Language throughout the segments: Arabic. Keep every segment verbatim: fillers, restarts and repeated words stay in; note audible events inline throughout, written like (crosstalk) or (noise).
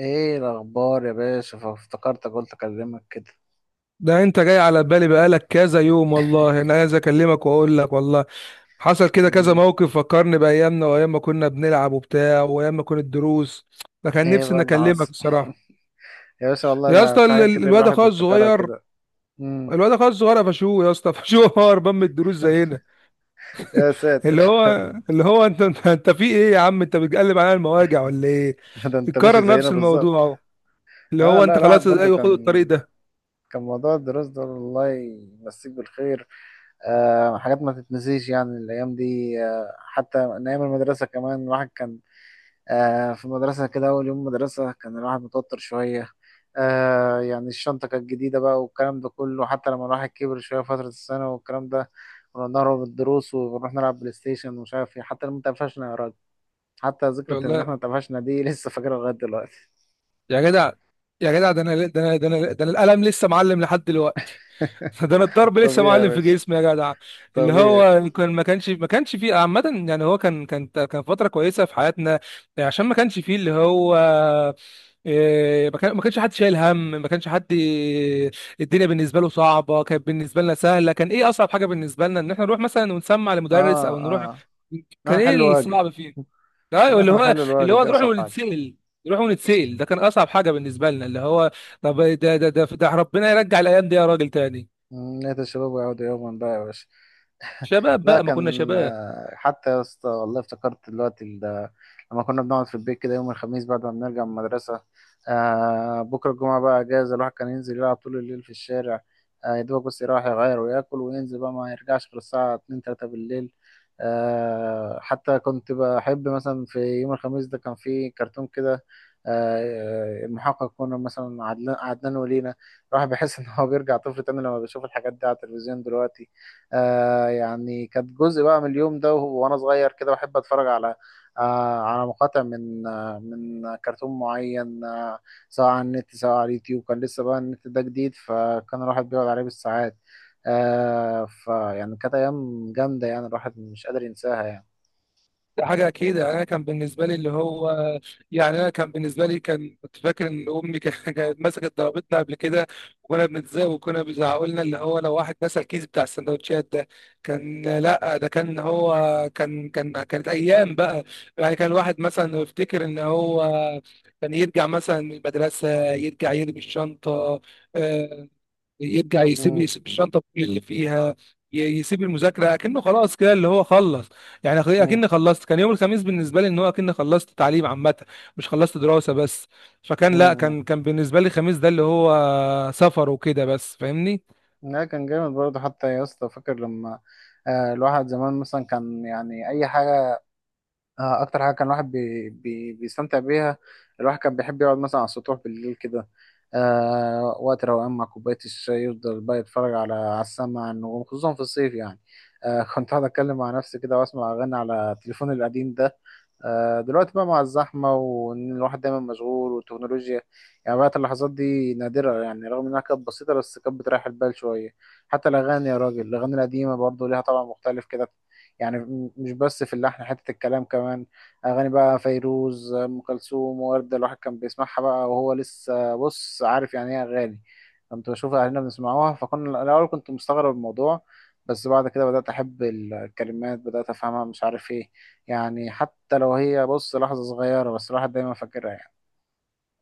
ايه الاخبار يا باشا؟ فافتكرتك قلت اكلمك كده. ده انت جاي على بالي بقالك كذا يوم، والله انا عايز اكلمك واقول لك. والله حصل كده كذا مم. موقف فكرني بايامنا وايام ما كنا بنلعب وبتاع وايام ما كانت دروس. فكان ايه نفسي بقى اني اللي اكلمك حصل؟ الصراحه. (laughs) يا باشا، والله يا انا اسطى، في ال- حاجات ال- كتير الواد الواحد اخويا بيفتكرها الصغير كده. مم. الواد اخويا الصغير قفشوه يا اسطى، قفشوه. (laughs) هو هربان من الدروس زينا. يا ساتر. اللي هو اللي هو انت انت انت في ايه يا عم؟ انت بتقلب على المواجع ولا ايه؟ (laughs) ده انت ماشي بتكرر زينا نفس الموضوع بالظبط. اهو. اللي اه، هو لا، انت الواحد خلاص، برضو ايوه، خد كان الطريق ده. كان موضوع الدراسة ده، الله يمسيك بالخير. آه حاجات ما تتنسيش يعني الايام دي. آه حتى من ايام المدرسة كمان الواحد كان. آه، في مدرسة كده أول يوم مدرسة كان الواحد متوتر شوية. آه، يعني الشنطة كانت جديدة بقى والكلام ده كله، حتى لما الواحد كبر شوية فترة السنة والكلام ده كنا بنهرب من الدروس ونروح نلعب بلاي ستيشن ومش عارف ايه حتى لما اتقفشنا يا راجل. حتى ذكرى إن احنا والله اتقفشنا دي (laughs) لسه فاكرها لغاية دلوقتي. يا جدع، يا جدع، ده انا ده انا ده انا ده انا القلم لسه معلم لحد دلوقتي. (laughs) ده انا (laughs) الضرب لسه طبيعي يا معلم في باشا. جسمي يا جدع. اللي طبيعي. هو كان ما كانش ما كانش فيه عامة، يعني هو كان كان كان فترة كويسة في حياتنا. يعني عشان ما كانش فيه اللي هو إيه، ما كان- ما كانش حد شايل هم، ما كانش حد. الدنيا بالنسبه له صعبه، كانت بالنسبه لنا سهله. كان ايه اصعب حاجه بالنسبه لنا؟ ان احنا نروح مثلا ونسمع لمدرس اه، او نروح. اه. إن احنا كان نحل ايه واجب. الصعب فيه؟ ايوه، إن اللي احنا هو نحل اللي الواجب هو دي نروح أصعب حاجة. ونتسأل. نروح ونتسأل، ده كان اصعب حاجه بالنسبه لنا اللي هو. طب ده ده ده, ده ربنا يرجع الايام دي يا راجل تاني. نية الشباب ويعودوا يوما بقى يا باشا. شباب لا، بقى، ما كنا كان شباب. آه، حتى يا اسطى والله افتكرت دلوقتي ال- لما كنا بنقعد في البيت كده يوم الخميس بعد ما بنرجع من المدرسة. آه بكرة الجمعة بقى أجازة، الواحد كان ينزل يلعب طول الليل في الشارع. آه يا دوبك بس يروح يغير وياكل وينزل بقى ما يرجعش غير الساعة اتنين تلاتة بالليل. آه حتى كنت بحب مثلا في يوم الخميس ده كان في كرتون كده. آه المحقق كنا مثلا عدنان، عدنان ولينا. الواحد بيحس إن هو بيرجع طفل تاني لما بيشوف الحاجات دي على التلفزيون دلوقتي. آه يعني كانت جزء بقى من اليوم ده وهو- وانا صغير كده بحب اتفرج على آه على مقاطع من آه من كرتون معين آه سواء على النت سواء على اليوتيوب كان لسه بقى النت ده جديد فكان الواحد بيقعد عليه بالساعات. آه فيعني كانت ايام جامده يعني الواحد مش قادر ينساها يعني. ده حاجة أكيد. يعني أنا كان بالنسبة لي اللي هو، يعني أنا كان بالنسبة لي كان كنت فاكر إن أمي كان- (laughs) كانت مسكت ضربتنا قبل كده. وكنا بنتزاق وكنا بيزعقوا لنا اللي هو لو واحد نسى الكيس بتاع السندوتشات ده. كان لأ، ده كان هو. كان كان كانت أيام بقى. يعني كان الواحد مثلا يفتكر إن هو كان يرجع مثلا من المدرسة، يرجع يرمي الشنطة، آه، يرجع يسيب مم. يسيب الشنطه كل اللي فيها، ي- يسيب المذاكره اكنه خلاص كده، اللي هو خلص. يعني أخ- مم. اكني خلصت. كان يوم الخميس بالنسبه لي ان هو اكني خلصت تعليم عامه، مش خلصت دراسه بس. فكان لا، مم. كان كان بالنسبه لي الخميس ده اللي هو سفر وكده بس. فاهمني؟ لا كان جامد برضه حتى يا اسطى، فاكر لما آه الواحد زمان مثلا كان يعني اي حاجه. آه، اكتر حاجه كان الواحد بي بي بيستمتع بيها الواحد كان بيحب يقعد مثلا على السطوح بالليل كده. آه وقت روقان مع كوبايه الشاي يفضل بقى يتفرج على على السماء النجوم خصوصا في الصيف يعني. آه (laughs) كنت قاعد اتكلم مع نفسي كده واسمع اغاني على تليفوني القديم ده. آه، دلوقتي بقى مع الزحمة وإن الواحد دايما مشغول والتكنولوجيا، يعني بقت اللحظات دي نادرة يعني رغم إنها كانت بسيطة بس كانت بتريح البال شوية. حتى الأغاني يا راجل، الأغاني القديمة برضه ليها طبع مختلف كده. يعني م- مش بس في اللحن حتة الكلام كمان. أغاني بقى فيروز، أم كلثوم، وردة، الواحد كان بيسمعها بقى وهو لسه بص عارف يعني إيه أغاني. كنت بشوف أهلنا بنسمعوها فكنا الأول كنت مستغرب الموضوع، بس بعد كده بدأت أحب الكلمات، بدأت أفهمها مش عارف إيه. يعني حتى لو هي بص لحظة صغيرة بس الواحد دايما فاكرها يعني.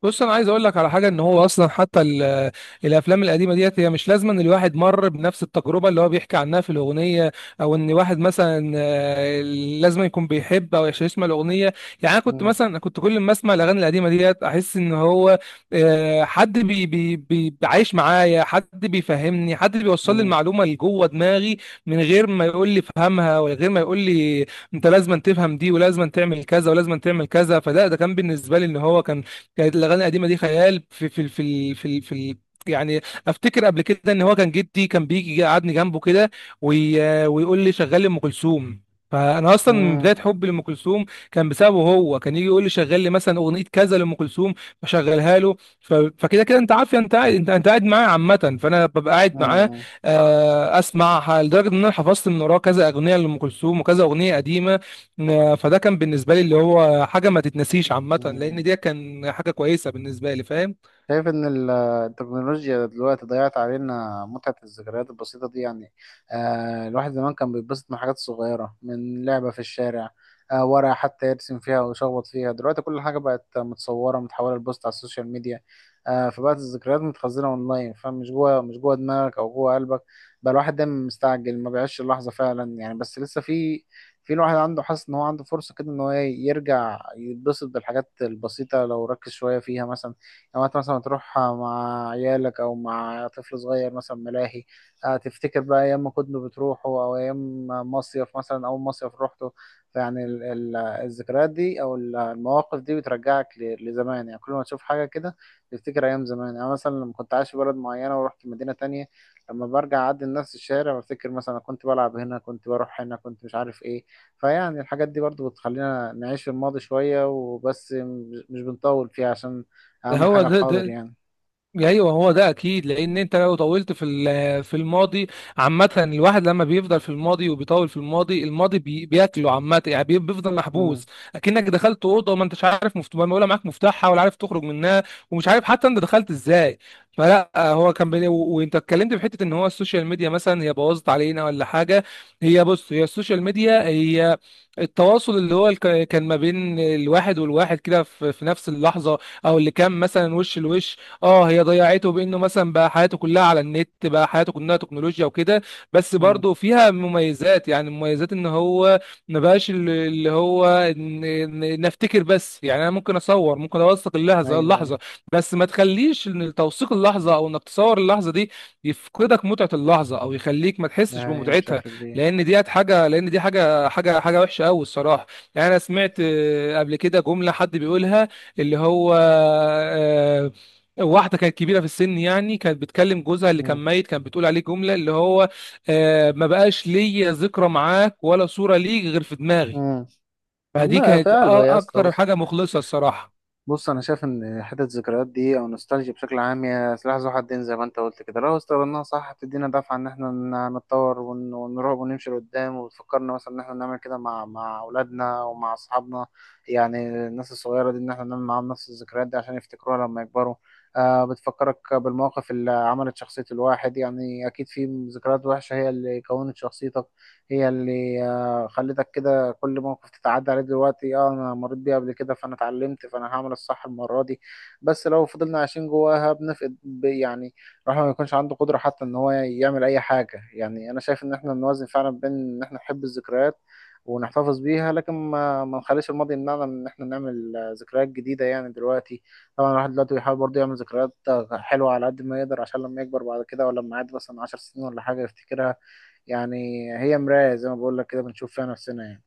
بص انا عايز اقول لك على حاجه، ان هو اصلا حتى ال- الافلام القديمه ديت هي مش لازم ان الواحد مر بنفس التجربه اللي هو بيحكي عنها في الاغنيه، او ان واحد مثلا آه، لازم يكون بيحب او يسمع الاغنيه. يعني انا كنت مم. مثلا، كنت كل ما اسمع الاغاني القديمه ديت احس ان هو، آه، حد بي بي بي عايش معايا، حد بيفهمني، حد بيوصل لي مم. المعلومه اللي جوه دماغي من غير ما يقول لي فهمها، ولا غير ما يقول لي انت لازم تفهم دي ولازم تعمل كذا ولازم تعمل كذا. فده ده كان بالنسبه لي ان هو كان، كانت الاغاني القديمه دي خيال في في في ال- في ال- في ال- يعني. افتكر قبل كده ان هو كان جدي كان بيجي يقعدني جنبه كده، وي... ويقول لي شغال لي ام كلثوم. فانا اصلا من مم. بدايه حبي لام كلثوم كان بسببه هو، كان يجي يقول لي شغال لي مثلا اغنيه كذا لام كلثوم، فشغلها له ف... فكده كده انت عارف، يعني انت قاعد، انت انت قاعد معاه عامه فانا ببقى قاعد معاه، مم. آه، اسمع لدرجه ان انا حفظت من وراه كذا اغنيه لام كلثوم وكذا اغنيه قديمه. ن- فده كان بالنسبه لي اللي هو حاجه ما تتنسيش عامه، لان مم. دي كان حاجه كويسه بالنسبه لي. فاهم؟ شايف إن ال- آه، التكنولوجيا دلوقتي ضيعت علينا متعة الذكريات البسيطة دي يعني. آه الواحد زمان كان بيتبسط من حاجات صغيرة، من لعبة في الشارع. آه ورقة حتى يرسم فيها ويشخبط فيها. دلوقتي كل حاجة بقت متصورة متحولة لبوست على السوشيال ميديا. آه فبقت الذكريات متخزنة أونلاين، فمش جوه مش جوه دماغك أو جوه قلبك. بقى الواحد دايما مستعجل ما بيعيش اللحظة فعلا يعني، بس لسه في في الواحد عنده حاسس إن هو عنده فرصة كده إن هو يرجع يتبسط بالحاجات البسيطة لو ركز شوية فيها مثلا. لما انت مثلا تروح مع عيالك او مع طفل صغير مثلا ملاهي، آه، تفتكر بقى ايام ما كنتوا بتروحوا او ايام مصيف مثلا اول مصيف روحته. يعني ال- ال- الذكريات دي او ال- المواقف دي بترجعك ل- لزمان يعني، كل ما تشوف حاجه كده تفتكر ايام زمان يعني. مثلا لما كنت عايش في بلد معينه ورحت مدينه تانية، لما برجع اعدي نفس الشارع بفتكر مثلا أنا كنت بلعب هنا كنت بروح هنا كنت مش عارف ايه. فيعني الحاجات دي برضو بتخلينا نعيش في الماضي شويه وبس م- مش بنطول فيها، عشان ده اهم هو حاجة ده, الحاضر ده يعني. ايوه هو ده اكيد، لان انت لو طولت في ال- في الماضي عامه. الواحد لما بيفضل في الماضي وبيطول في الماضي، الماضي بي- بياكله عامه، يعني بي- بيفضل امم. محبوس. اكنك دخلت اوضه وما انتش عارف مفتوح، ولا معاك مفتاحها، ولا عارف تخرج منها، ومش عارف حتى انت دخلت ازاي. فلا هو كان بي... و- وانت اتكلمت في حته ان هو السوشيال ميديا مثلا هي بوظت علينا ولا حاجه. هي بص، هي السوشيال ميديا هي التواصل اللي هو الك- كان ما بين الواحد والواحد كده في في نفس اللحظه، او اللي كان مثلا وش لوش. اه هي ضيعته بانه مثلا بقى حياته كلها على النت، بقى حياته كلها تكنولوجيا وكده. بس امم. برضه فيها مميزات، يعني مميزات ان هو ما بقاش ال- اللي هو إن- إن- نفتكر بس. يعني انا ممكن اصور، ممكن اوثق اللحظه ايوه، ايوه. اللحظه بس ما تخليش ان توثيق اللحظه او انك تصور اللحظه دي يفقدك متعه اللحظه، او يخليك ما تحسش ده هي بمتعتها. بشكل كبير. لان دي حاجه لان دي حاجه حاجه حاجه وحشه قوي الصراحه. يعني انا سمعت آه، قبل كده جمله حد بيقولها اللي هو، آه، واحدة كانت كبيرة في السن، يعني كانت بتكلم جوزها اللي امم. كان ميت، كانت بتقول عليه جملة اللي هو، آه ما بقاش ليا ذكرى معاك ولا صورة ليك غير في دماغي. امم. فدي ما في كانت أ- قلبه يا اسطى، أكتر بص. حاجة مخلصة الصراحة. بص انا شايف ان حته الذكريات دي او نوستالجيا بشكل عام هي سلاح ذو حدين زي ما انت قلت كده. لو استخدمناها صح هتدينا دفعه ان احنا ن- نتطور ون- ونروح ونمشي لقدام وتفكرنا مثلا ان احنا نعمل كده مع مع اولادنا ومع اصحابنا. يعني الناس الصغيره دي ان احنا نعمل معاهم نفس الذكريات دي عشان يفتكروها لما يكبروا. آه بتفكرك بالمواقف اللي عملت شخصيه الواحد يعني، اكيد في ذكريات وحشه هي اللي كونت شخصيتك، هي اللي آه خلتك كده. كل موقف تتعدى عليه دلوقتي اه انا مريت بيه قبل كده فانا اتعلمت فانا هعمل الصح المره دي. بس لو فضلنا عايشين جواها بنفقد ب- يعني الواحد ما يكونش عنده قدره حتى ان هو يعمل اي حاجه. يعني انا شايف ان احنا نوازن فعلا بين ان احنا نحب الذكريات ونحتفظ بيها لكن ما ما نخليش الماضي يمنعنا من ان احنا نعمل آه، ذكريات جديده يعني دلوقتي. طبعا الواحد دلوقتي بيحاول برضه يعمل ذكريات آه، حلوه على قد ما يقدر عشان لما يكبر بعد كده، ولا لما يعدي مثلا عشر سنين ولا حاجه يفتكرها. يعني هي مراية زي ما بقول لك كده بنشوف فيها نفسنا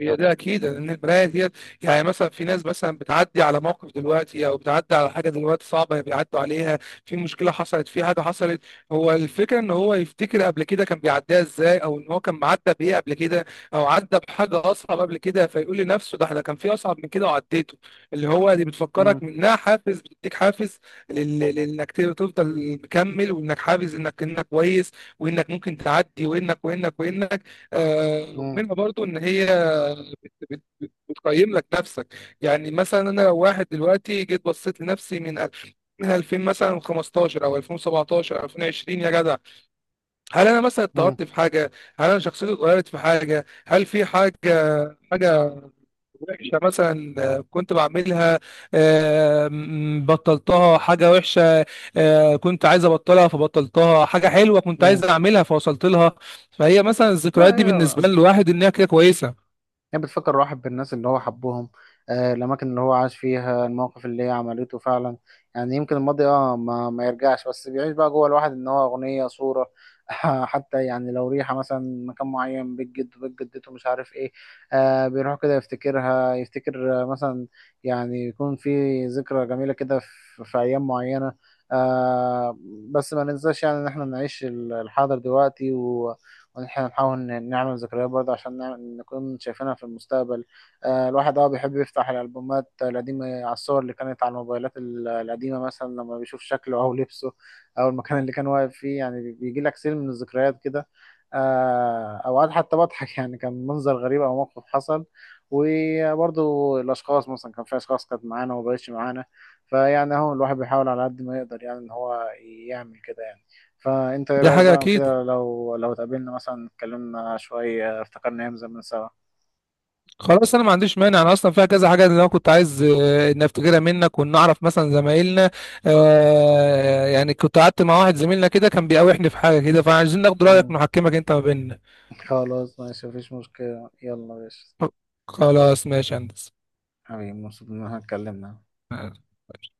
هي ده اكيد لان البرايه ديت، يعني مثلا في ناس مثلا بتعدي على موقف دلوقتي او بتعدي على حاجه دلوقتي صعبه بيعدوا عليها. في مشكله حصلت، في حاجه حصلت. هو الفكره ان هو يفتكر قبل كده كان بيعديها ازاي، او ان هو كان معدى بايه قبل كده، او عدى بحاجه اصعب قبل كده، فيقول لنفسه ده احنا كان في اصعب من كده وعديته. اللي هو دي يعني. بتفكرك منها حافز، بتديك حافز لل- لانك تفضل مكمل، وانك حافز انك انك كويس، وانك ممكن تعدي، وانك وانك وانك آه مم. ومنها برضو ان هي بتقيم لك نفسك. يعني مثلا انا لو واحد دلوقتي جيت بصيت لنفسي من ألف، من ألفين مثلا، خمستاشر او ألفين وسبعتاشر او ألفين وعشرين يا جدع، هل انا مثلا مم. اتطورت في حاجه؟ هل انا شخصيتي اتغيرت في حاجه؟ هل في حاجه، حاجه وحشه مثلا، آه، كنت بعملها، آه، م- بطلتها؟ حاجه وحشه، آه، كنت عايز ابطلها فبطلتها؟ حاجه حلوه كنت عايز مم. اعملها فوصلت لها؟ فهي مثلا لا الذكريات دي بالنسبه هي للواحد ان هي كده كويسه. هي بتفكر الواحد بالناس اللي هو حبهم، آه، الأماكن اللي هو عاش فيها، المواقف اللي هي عملته فعلا. يعني يمكن الماضي اه ما, ما يرجعش بس بيعيش بقى جوه الواحد إن هو أغنية، صورة. (laughs) حتى يعني لو ريحة مثلا مكان معين، بيت جده، بيت جدته، مش عارف إيه. آه بيروح كده يفتكرها يفتكر آه، مثلا يعني يكون في ذكرى جميلة كده في, في أيام معينة. آه بس ما ننساش يعني إن إحنا نعيش الحاضر دلوقتي، وان احنا نحاول ن- نعمل ذكريات برضه عشان نعمل نكون شايفينها في المستقبل. آه، الواحد اه بيحب يفتح الألبومات القديمة على الصور اللي كانت على الموبايلات ال- القديمة مثلا لما بيشوف شكله أو لبسه أو المكان اللي كان واقف فيه. يعني بي- بيجي لك سيل من الذكريات كده. آه، أوقات حتى بضحك (laughs) يعني كان منظر غريب أو موقف حصل، وبرضه الأشخاص مثلا كان في أشخاص كانت معانا ومبقتش معانا. فيعني أهو الواحد بيحاول على قد ما يقدر يعني إن هو يعمل كده يعني. فانت ايه دي رايك حاجه بقى اكيد. كده لو لو اتقابلنا مثلا اتكلمنا شويه افتكرنا ايام زمان سوا؟ خلاص انا ما عنديش مانع، انا اصلا فيها كذا حاجه اللي انا كنت عايز آه، ان افتكرها منك، وان اعرف مثلا زمايلنا، آه، يعني كنت قعدت مع واحد زميلنا كده كان بيقاوحني في حاجه كده، فعايزين ناخد رايك، مم. نحكمك انت ما بيننا. خلاص ماشي مفيش مشكلة، يلا يا باشا، خلاص ماشي يا حبيبي، مبسوط ان احنا اتكلمنا. هندسه.